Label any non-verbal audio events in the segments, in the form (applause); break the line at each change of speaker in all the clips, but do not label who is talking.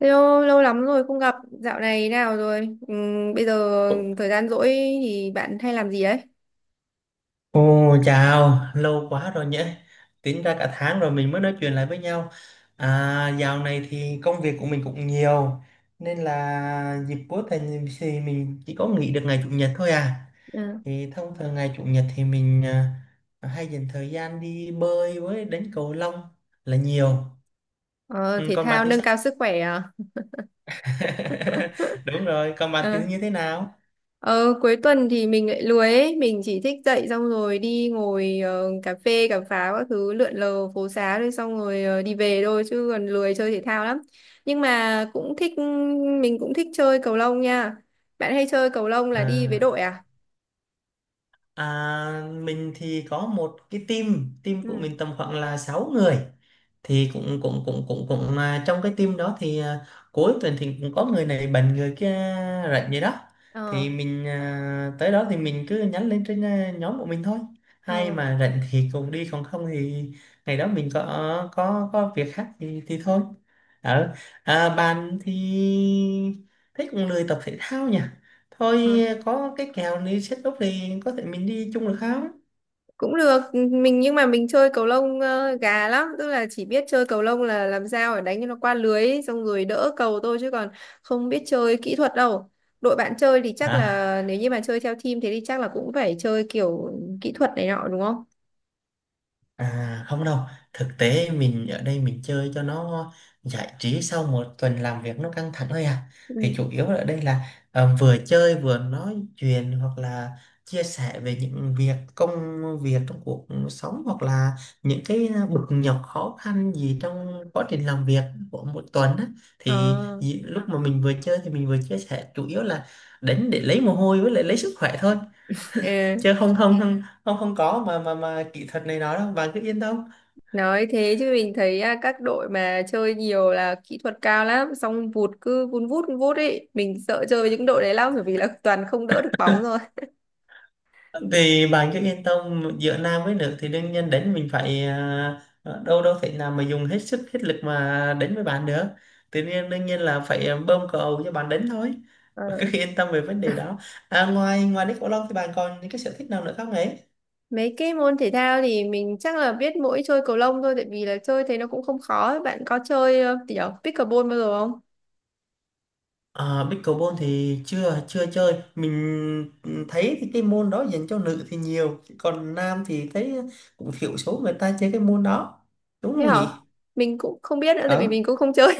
Hello, lâu lắm rồi không gặp. Dạo này nào rồi? Bây giờ thời gian rỗi thì bạn hay làm gì đấy?
Ồ, chào, lâu quá rồi nhỉ. Tính ra cả tháng rồi mình mới nói chuyện lại với nhau. À, dạo này thì công việc của mình cũng nhiều, nên là dịp cuối tuần thì mình chỉ có nghỉ được ngày chủ nhật thôi à.
Ờ.
Thì thông thường ngày chủ nhật thì mình à, hay dành thời gian đi bơi với đánh cầu lông là nhiều.
Ờ,
Ừ,
thể
còn bạn
thao
thì
nâng
sao?
cao sức khỏe à?
(laughs) Đúng rồi, còn bạn
Ờ.
thì như thế nào?
Ờ, cuối tuần thì mình lại lười ấy. Mình chỉ thích dậy xong rồi đi ngồi cà phê, cà pháo các thứ lượn lờ phố xá rồi xong rồi đi về thôi chứ còn lười chơi thể thao lắm. Nhưng mà cũng thích, mình cũng thích chơi cầu lông nha. Bạn hay chơi cầu lông là đi với
À.
đội à?
À, mình thì có một cái team, team của
Ừ.
mình tầm khoảng là 6 người. Thì cũng cũng cũng cũng cũng mà trong cái team đó thì à, cuối tuần thì cũng có người này bệnh người kia rảnh vậy đó.
Ờ.
Thì mình à, tới đó thì mình cứ nhắn lên trên à, nhóm của mình thôi. Hay mà rảnh thì cùng đi còn không thì ngày đó mình có việc khác thì thôi. Ở à, bạn thì thấy cũng lười tập thể thao nhỉ?
Ờ.
Thôi có cái kèo đi set up thì có thể mình đi chung được không
Cũng được mình, nhưng mà mình chơi cầu lông gà lắm, tức là chỉ biết chơi cầu lông là làm sao để đánh cho nó qua lưới ấy, xong rồi đỡ cầu thôi chứ còn không biết chơi kỹ thuật đâu. Đội bạn chơi thì chắc
à.
là nếu như mà chơi theo team thế thì chắc là cũng phải chơi kiểu kỹ thuật này nọ, đúng không?
À, không đâu, thực tế mình ở đây mình chơi cho nó giải trí sau một tuần làm việc nó căng thẳng thôi à. Thì
Ừ.
chủ yếu ở đây là ờ, vừa chơi vừa nói chuyện hoặc là chia sẻ về những việc công việc trong cuộc sống hoặc là những cái bực nhọc khó khăn gì trong quá trình làm việc của một tuần á. Thì
Ờ.
lúc mà mình vừa chơi thì mình vừa chia sẻ chủ yếu là đến để lấy mồ hôi với lại lấy sức khỏe thôi
(laughs) ờ,
chứ không không không không không có mà kỹ thuật này nói đâu, bạn cứ yên tâm.
nói thế chứ mình thấy à, các đội mà chơi nhiều là kỹ thuật cao lắm xong vụt cứ vun vút ấy, mình sợ chơi với những đội đấy lắm bởi vì là toàn không đỡ được bóng rồi.
Vì bạn cứ yên tâm giữa nam với nữ thì đương nhiên đánh mình phải à, đâu đâu thể nào mà dùng hết sức hết lực mà đánh với bạn được, tự nhiên đương nhiên là phải ờ, bơm cầu cho bạn đánh thôi.
Ờ.
(laughs) Bạn cứ yên tâm về vấn đề đó. À, ngoài ngoài pickleball thì bạn còn những cái sở thích nào nữa không ấy?
Mấy cái môn thể thao thì mình chắc là biết mỗi chơi cầu lông thôi tại vì là chơi thế nó cũng không khó ấy. Bạn có chơi kiểu pickleball bao giờ không?
À, pickleball thì chưa chưa chơi, mình thấy thì cái môn đó dành cho nữ thì nhiều, còn nam thì thấy cũng thiểu số người ta chơi cái môn đó, đúng
Thế
không
hả?
nhỉ?
Mình cũng không biết nữa tại vì mình
Đó.
cũng không chơi.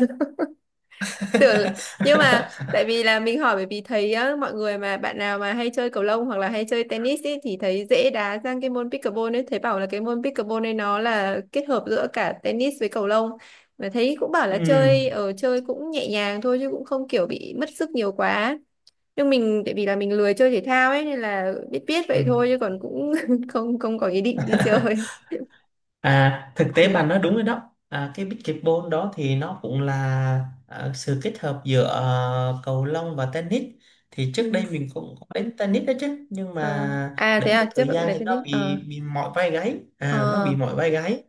(laughs) Tưởng là-
(laughs)
nhưng mà tại vì là mình hỏi bởi vì thấy á, mọi người mà bạn nào mà hay chơi cầu lông hoặc là hay chơi tennis ý, thì thấy dễ đá sang cái môn pickleball ấy, thấy bảo là cái môn pickleball ấy nó là kết hợp giữa cả tennis với cầu lông. Mà thấy cũng bảo
Ừ.
là chơi cũng nhẹ nhàng thôi chứ cũng không kiểu bị mất sức nhiều quá, nhưng mình tại vì là mình lười chơi thể thao ấy nên là biết biết
Ừ.
vậy thôi chứ còn cũng (laughs) không không có ý định đi chơi.
À, thực tế
Ừ.
bà nói đúng rồi đó. À, cái pickleball đó thì nó cũng là à, sự kết hợp giữa ờ, cầu lông và tennis. Thì trước đây
Ừ.
mình cũng có đánh tennis đó chứ, nhưng
Ờ.
mà
À, thế
đến một
à, trước
thời
bạn cũng
gian
đánh
thì
tennis.
nó
Ờ.
bị mỏi vai gáy, à nó
Ờ.
bị mỏi vai gáy.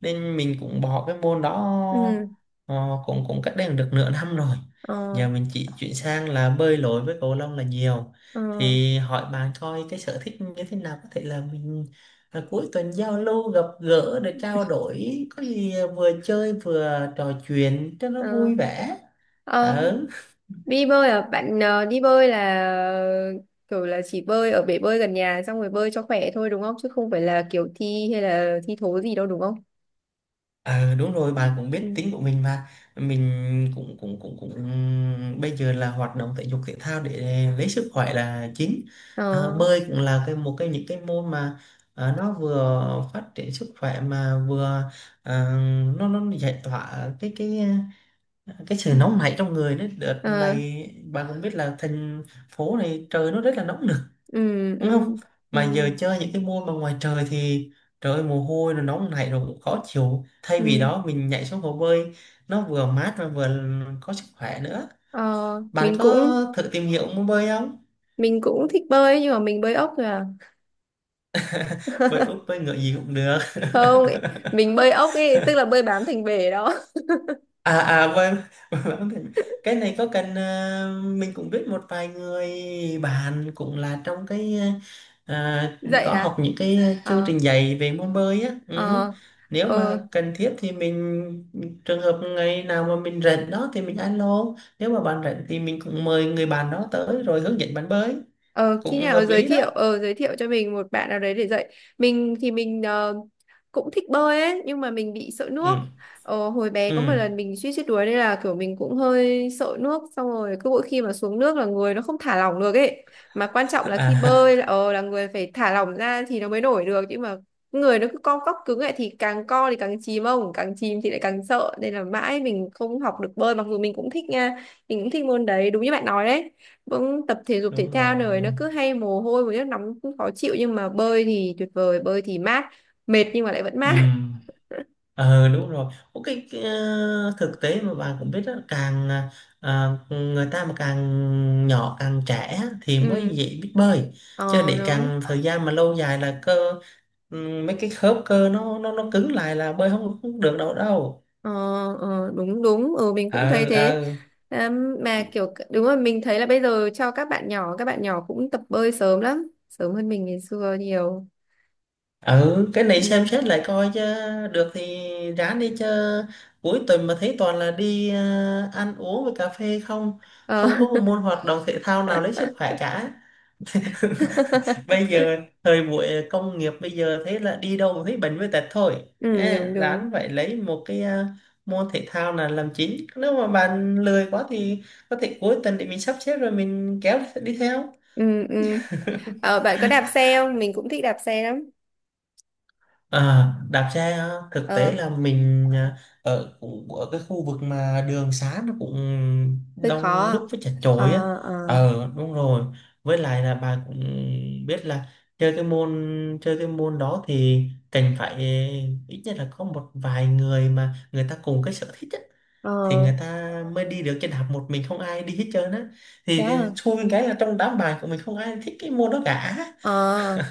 Nên mình cũng bỏ cái môn đó
Ừ.
ờ, cũng cũng cách đây được nửa năm rồi.
Ờ.
Giờ mình chỉ chuyển sang là bơi lội với cầu lông là nhiều.
Ờ.
Thì hỏi bạn coi cái sở thích như thế nào có thể là mình à, cuối tuần giao lưu gặp gỡ để trao đổi có gì vừa chơi vừa trò chuyện cho nó
Ờ.
vui vẻ.
Ờ,
Ờ.
đi bơi à bạn, đi bơi là kiểu là chỉ bơi ở bể bơi gần nhà xong rồi bơi cho khỏe thôi đúng không, chứ không phải là kiểu thi hay là thi thố gì đâu đúng không?
Ờ, đúng rồi bà cũng
Ừ.
biết tính của mình mà, mình cũng cũng cũng cũng bây giờ là hoạt động thể dục thể thao để lấy sức khỏe là chính. À,
Ờ.
bơi cũng là cái một cái những cái môn mà à, nó vừa phát triển sức khỏe mà vừa à, nó giải tỏa cái sự nóng nảy trong người đấy, đợt
Ờ.
này bạn cũng biết là thành phố này trời nó rất là nóng nực,
Ừ.
đúng không?
Ừ. Ừ.
Mà giờ chơi những cái môn mà ngoài trời thì trời ơi, mồ hôi nó nóng nảy rồi cũng khó chịu, thay vì
Ừ.
đó mình nhảy xuống hồ bơi nó vừa mát và vừa có sức khỏe nữa.
Ờ,
Bạn
mình
có
cũng
thử tìm hiểu môn bơi không?
mình cũng thích bơi nhưng mà mình bơi ốc thôi à.
Bơi úp bơi ngựa gì cũng được.
Không, mình bơi ốc ấy, tức là bơi bám thành bể đó.
À quên. (laughs) Quên mất tên. (laughs) Cái này có cần à, mình cũng biết một vài người bạn cũng là trong cái ờ, à,
(laughs) Dậy
có học
à?
những cái chương
Ờ.
trình dạy về môn bơi á. Ừ,
Ờ.
nếu mà
Ờ.
cần thiết thì mình, trường hợp ngày nào mà mình rảnh đó thì mình alo, nếu mà bạn rảnh thì mình cũng mời người bạn đó tới rồi hướng dẫn bạn bơi,
Ờ, khi
cũng
nào
hợp
giới
lý
thiệu,
đó.
cho mình một bạn nào đấy để dạy mình thì mình cũng thích bơi ấy nhưng mà mình bị sợ nước.
Ừ.
Hồi bé có một
Ừ.
lần mình suýt chết đuối nên là kiểu mình cũng hơi sợ nước, xong rồi cứ mỗi khi mà xuống nước là người nó không thả lỏng được ấy, mà quan trọng
(laughs)
là khi bơi
À
là, là người phải thả lỏng ra thì nó mới nổi được. Nhưng mà người nó cứ co cóc cứng lại thì càng co thì càng chìm, ông càng chìm thì lại càng sợ, nên là mãi mình không học được bơi mặc dù mình cũng thích nha. Mình cũng thích môn đấy, đúng như bạn nói đấy, cũng tập thể dục thể
đúng
thao
rồi.
này nó cứ hay mồ hôi một nước nóng cũng khó chịu, nhưng mà bơi thì tuyệt vời, bơi thì mát, mệt nhưng mà lại vẫn
Ừ.
mát.
Ờ đúng rồi. Có cái, ờ, thực tế mà bạn cũng biết đó, càng ờ, người ta mà càng nhỏ càng trẻ thì
(laughs)
mới
Ừ.
dễ biết bơi. Chứ
Ờ
để
đúng.
càng thời gian mà lâu dài là cơ mấy cái khớp cơ nó cứng lại là bơi không được đâu đâu.
Ờ, ờ đúng đúng, ừ mình cũng thấy
Ờ
thế.
ờ.
Mà kiểu đúng rồi, mình thấy là bây giờ cho các bạn nhỏ cũng tập bơi sớm lắm, sớm hơn mình ngày xưa nhiều.
Ừ, cái này xem
Ừ.
xét lại coi chứ, được thì ráng đi chứ, cuối tuần mà thấy toàn là đi ờ, ăn uống với cà phê không,
Ờ.
không có một môn hoạt động thể thao nào lấy sức khỏe cả.
(laughs)
Bây giờ thời buổi công nghiệp bây giờ thế là đi đâu cũng thấy bệnh với tật thôi.
Ừ
Ê,
đúng đúng.
ráng phải lấy một cái à, môn thể thao là làm chính, nếu mà bạn lười quá thì có thể cuối tuần để mình sắp xếp rồi mình kéo đi theo.
Ừ. Ừ. Ờ, bạn có đạp xe không? Mình cũng thích đạp xe lắm.
À, đạp xe á, thực
Ờ,
tế là mình à, ở cũng ở cái khu vực mà đường xá nó cũng
hơi
đông
khó.
đúc với chật chội á.
Ờ. Ờ.
Ờ đúng rồi, với lại là bà cũng biết là chơi cái môn, chơi cái môn đó thì cần phải à, ít nhất là có một vài người mà người ta cùng cái sở thích á, thì
Ờ,
người ta mới đi được, trên đạp một mình không ai đi hết trơn á,
thế
thì
à?
xui cái là trong đám bài của mình không ai thích cái môn đó cả.
Ờ,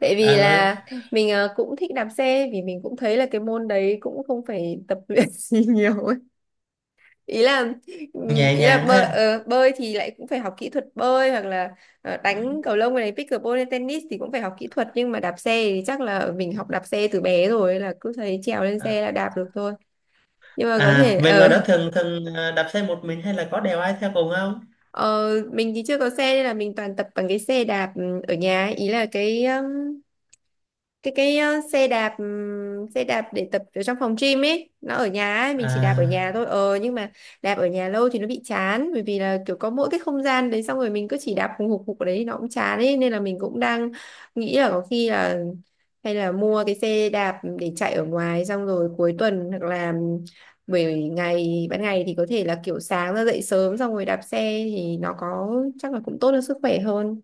tại vì
Ờ,
là mình cũng thích đạp xe vì mình cũng thấy là cái môn đấy cũng không phải tập luyện (laughs) gì nhiều ấy. Ý là ừm,
nhẹ
ý là
nhàng
bơi,
ha.
bơi thì lại cũng phải học kỹ thuật bơi hoặc là
Ừ.
đánh cầu lông này pickleball hay tennis thì cũng phải học kỹ thuật, nhưng mà đạp xe thì chắc là mình học đạp xe từ bé rồi là cứ thấy trèo lên
Ờ.
xe là đạp được thôi. Nhưng mà có
À,
thể
về ngoài
ở—
đó thường thường à, đạp xe một mình hay là có đèo ai theo cùng không?
(laughs) ờ, mình thì chưa có xe nên là mình toàn tập bằng cái xe đạp, ừ, ở nhà ấy. Ý là cái xe đạp để tập ở trong phòng gym ấy, nó ở nhà ấy mình chỉ đạp ở nhà
À,
thôi, nhưng mà đạp ở nhà lâu thì nó bị chán bởi vì là kiểu có mỗi cái không gian đấy, xong rồi mình cứ chỉ đạp hùng hục hục ở đấy thì nó cũng chán ấy, nên là mình cũng đang nghĩ là có khi là hay là mua cái xe đạp để chạy ở ngoài xong rồi cuối tuần hoặc là buổi ngày ban ngày thì có thể là kiểu sáng ra dậy sớm xong rồi đạp xe thì nó có chắc là cũng tốt cho sức khỏe hơn.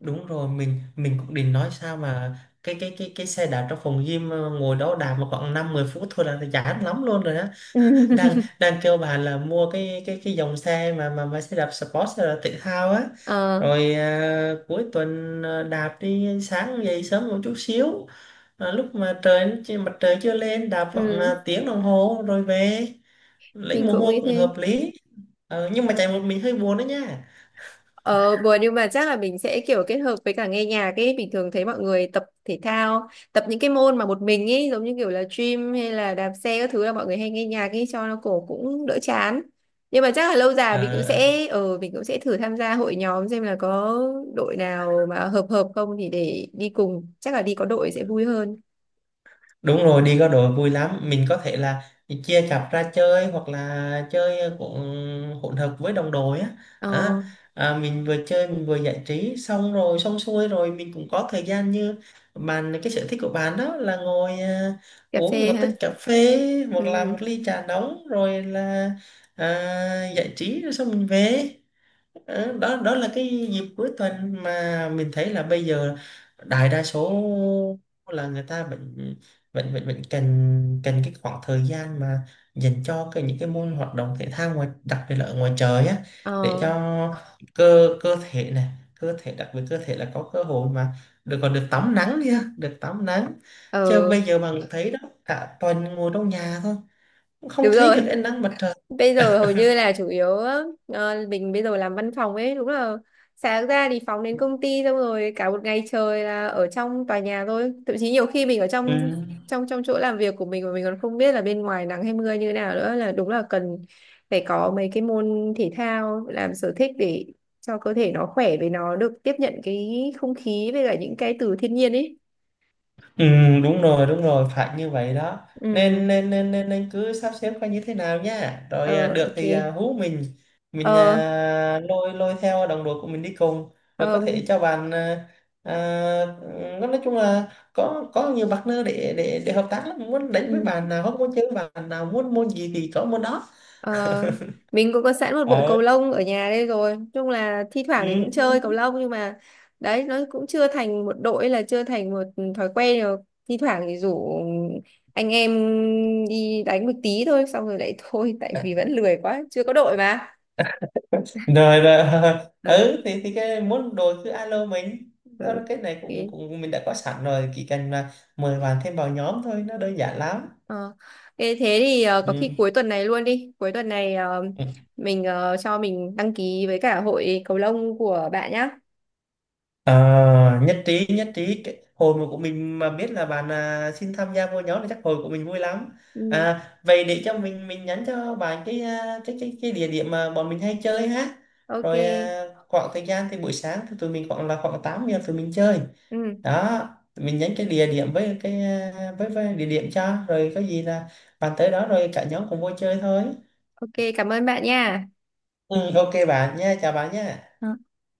đúng rồi, mình cũng định nói sao mà cái xe đạp trong phòng gym à, ngồi đó đạp mà khoảng 5-10 phút thôi là chán lắm luôn rồi.
(laughs)
Đang đang kêu bà là mua cái dòng xe mà xe đạp sport xe đạp thể thao á,
Ờ.
rồi à, cuối tuần à, đạp đi sáng dậy sớm một chút xíu, à, lúc mà trời chưa- mặt trời chưa lên đạp khoảng
Ừ,
à, tiếng đồng hồ rồi về lấy
mình
mồ
cũng
hôi
nghĩ
cũng
thế.
hợp lý. Ờ, nhưng mà chạy một mình hơi buồn đó nha.
Ờ, buồn nhưng mà chắc là mình sẽ kiểu kết hợp với cả nghe nhạc ấy, bình thường thấy mọi người tập thể thao, tập những cái môn mà một mình ấy giống như kiểu là gym hay là đạp xe các thứ là mọi người hay nghe nhạc ấy cho nó cổ cũng đỡ chán. Nhưng mà chắc là lâu dài mình cũng
Ờ,
sẽ thử tham gia hội nhóm xem là có đội nào mà hợp hợp không thì để đi cùng, chắc là đi có đội sẽ vui hơn.
đúng rồi, đi có đội vui lắm. Mình có thể là chia cặp ra chơi hoặc là chơi cũng hỗn hợp với đồng đội á.
Ờ,
Á, à, mình vừa chơi mình vừa giải trí xong rồi xong xuôi rồi mình cũng có thời gian như bạn, cái sở thích của bạn đó là ngồi à,
cà
uống
phê
một
ha.
tách cà phê
Ừ,
hoặc là
ừ.
một ly trà nóng rồi là à, giải trí rồi xong mình về. Ờ, đó đó là cái dịp cuối tuần mà mình thấy là bây giờ đại đa số là người ta vẫn vẫn vẫn vẫn cần cần cái khoảng thời gian mà dành cho cái những cái môn hoạt động thể thao ngoài, đặc biệt là ở ngoài trời á, để
Ờ,
cho cơ cơ thể này cơ thể đặc biệt cơ thể là có cơ hội mà được còn được tắm nắng đi ha, được tắm nắng, chứ
ờ
bây giờ mà thấy đó cả tuần ngồi trong nhà thôi cũng không
đúng
thấy
rồi,
được ánh nắng mặt trời.
bây giờ hầu như là chủ yếu, mình bây giờ làm văn phòng ấy, đúng là sáng ra thì phóng đến công ty xong rồi cả một ngày trời là ở trong tòa nhà thôi, thậm chí nhiều khi mình ở
Ừ.
trong trong trong chỗ làm việc của mình mà mình còn không biết là bên ngoài nắng hay mưa như nào nữa, là đúng là cần phải có mấy cái môn thể thao làm sở thích để cho cơ thể nó khỏe với nó được tiếp nhận cái không khí với cả những cái từ thiên nhiên ấy.
Ừ, đúng rồi phải như vậy đó, nên
Ừ.
nên nên nên, nên cứ sắp xếp coi như thế nào nha rồi
Ờ.
à, được
OK.
thì à, hú mình
Ờ.
à, lôi lôi theo đồng đội của mình đi cùng, rồi
Ờ,
có thể cho bạn à, à, ừ, nói chung là có nhiều partner để hợp tác lắm, muốn đánh với
ừ.
bạn nào, không muốn chơi với bạn nào, muốn môn gì thì có môn đó.
Ờ, mình cũng có sẵn một bộ
Ờ.
cầu lông ở nhà đây rồi. Nói chung là thi
Ừ.
thoảng thì cũng chơi cầu lông nhưng mà đấy, nó cũng chưa thành một đội hay là chưa thành một thói quen rồi. Thi thoảng thì rủ anh em đi đánh một tí thôi xong rồi lại (laughs) thôi, tại vì vẫn lười quá, chưa có đội mà. (laughs)
Rồi rồi rồi. (laughs)
Ờ,
Ừ, thì cái muốn đổi cứ alo mình,
ờ,
đó là cái này cũng
ok.
cũng mình đã có sẵn rồi, chỉ cần là mời bạn thêm vào nhóm thôi, nó đơn giản lắm.
Ờ, ê, thế thì có khi
Ừ.
cuối tuần này luôn đi. Cuối tuần này
Ừ.
cho mình đăng ký với cả hội cầu lông của bạn nhá.
Ờ, nhất trí nhất trí. Hồi mà của mình mà biết là bạn à, xin tham gia vô nhóm thì chắc hồi của mình vui lắm.
Ừ.
À, vậy để cho mình nhắn cho bạn cái à, cái địa điểm mà bọn mình hay chơi ha,
OK.
rồi à, khoảng thời gian thì buổi sáng thì tụi mình khoảng 8 giờ tụi mình chơi
Ừ.
đó, tụi mình nhắn cái địa điểm với cái à, với địa điểm cho rồi có gì là bạn tới đó rồi cả nhóm cùng vô chơi thôi.
OK, cảm ơn bạn nha.
Ừ, ok bạn nha, chào bạn nha.
Ờ,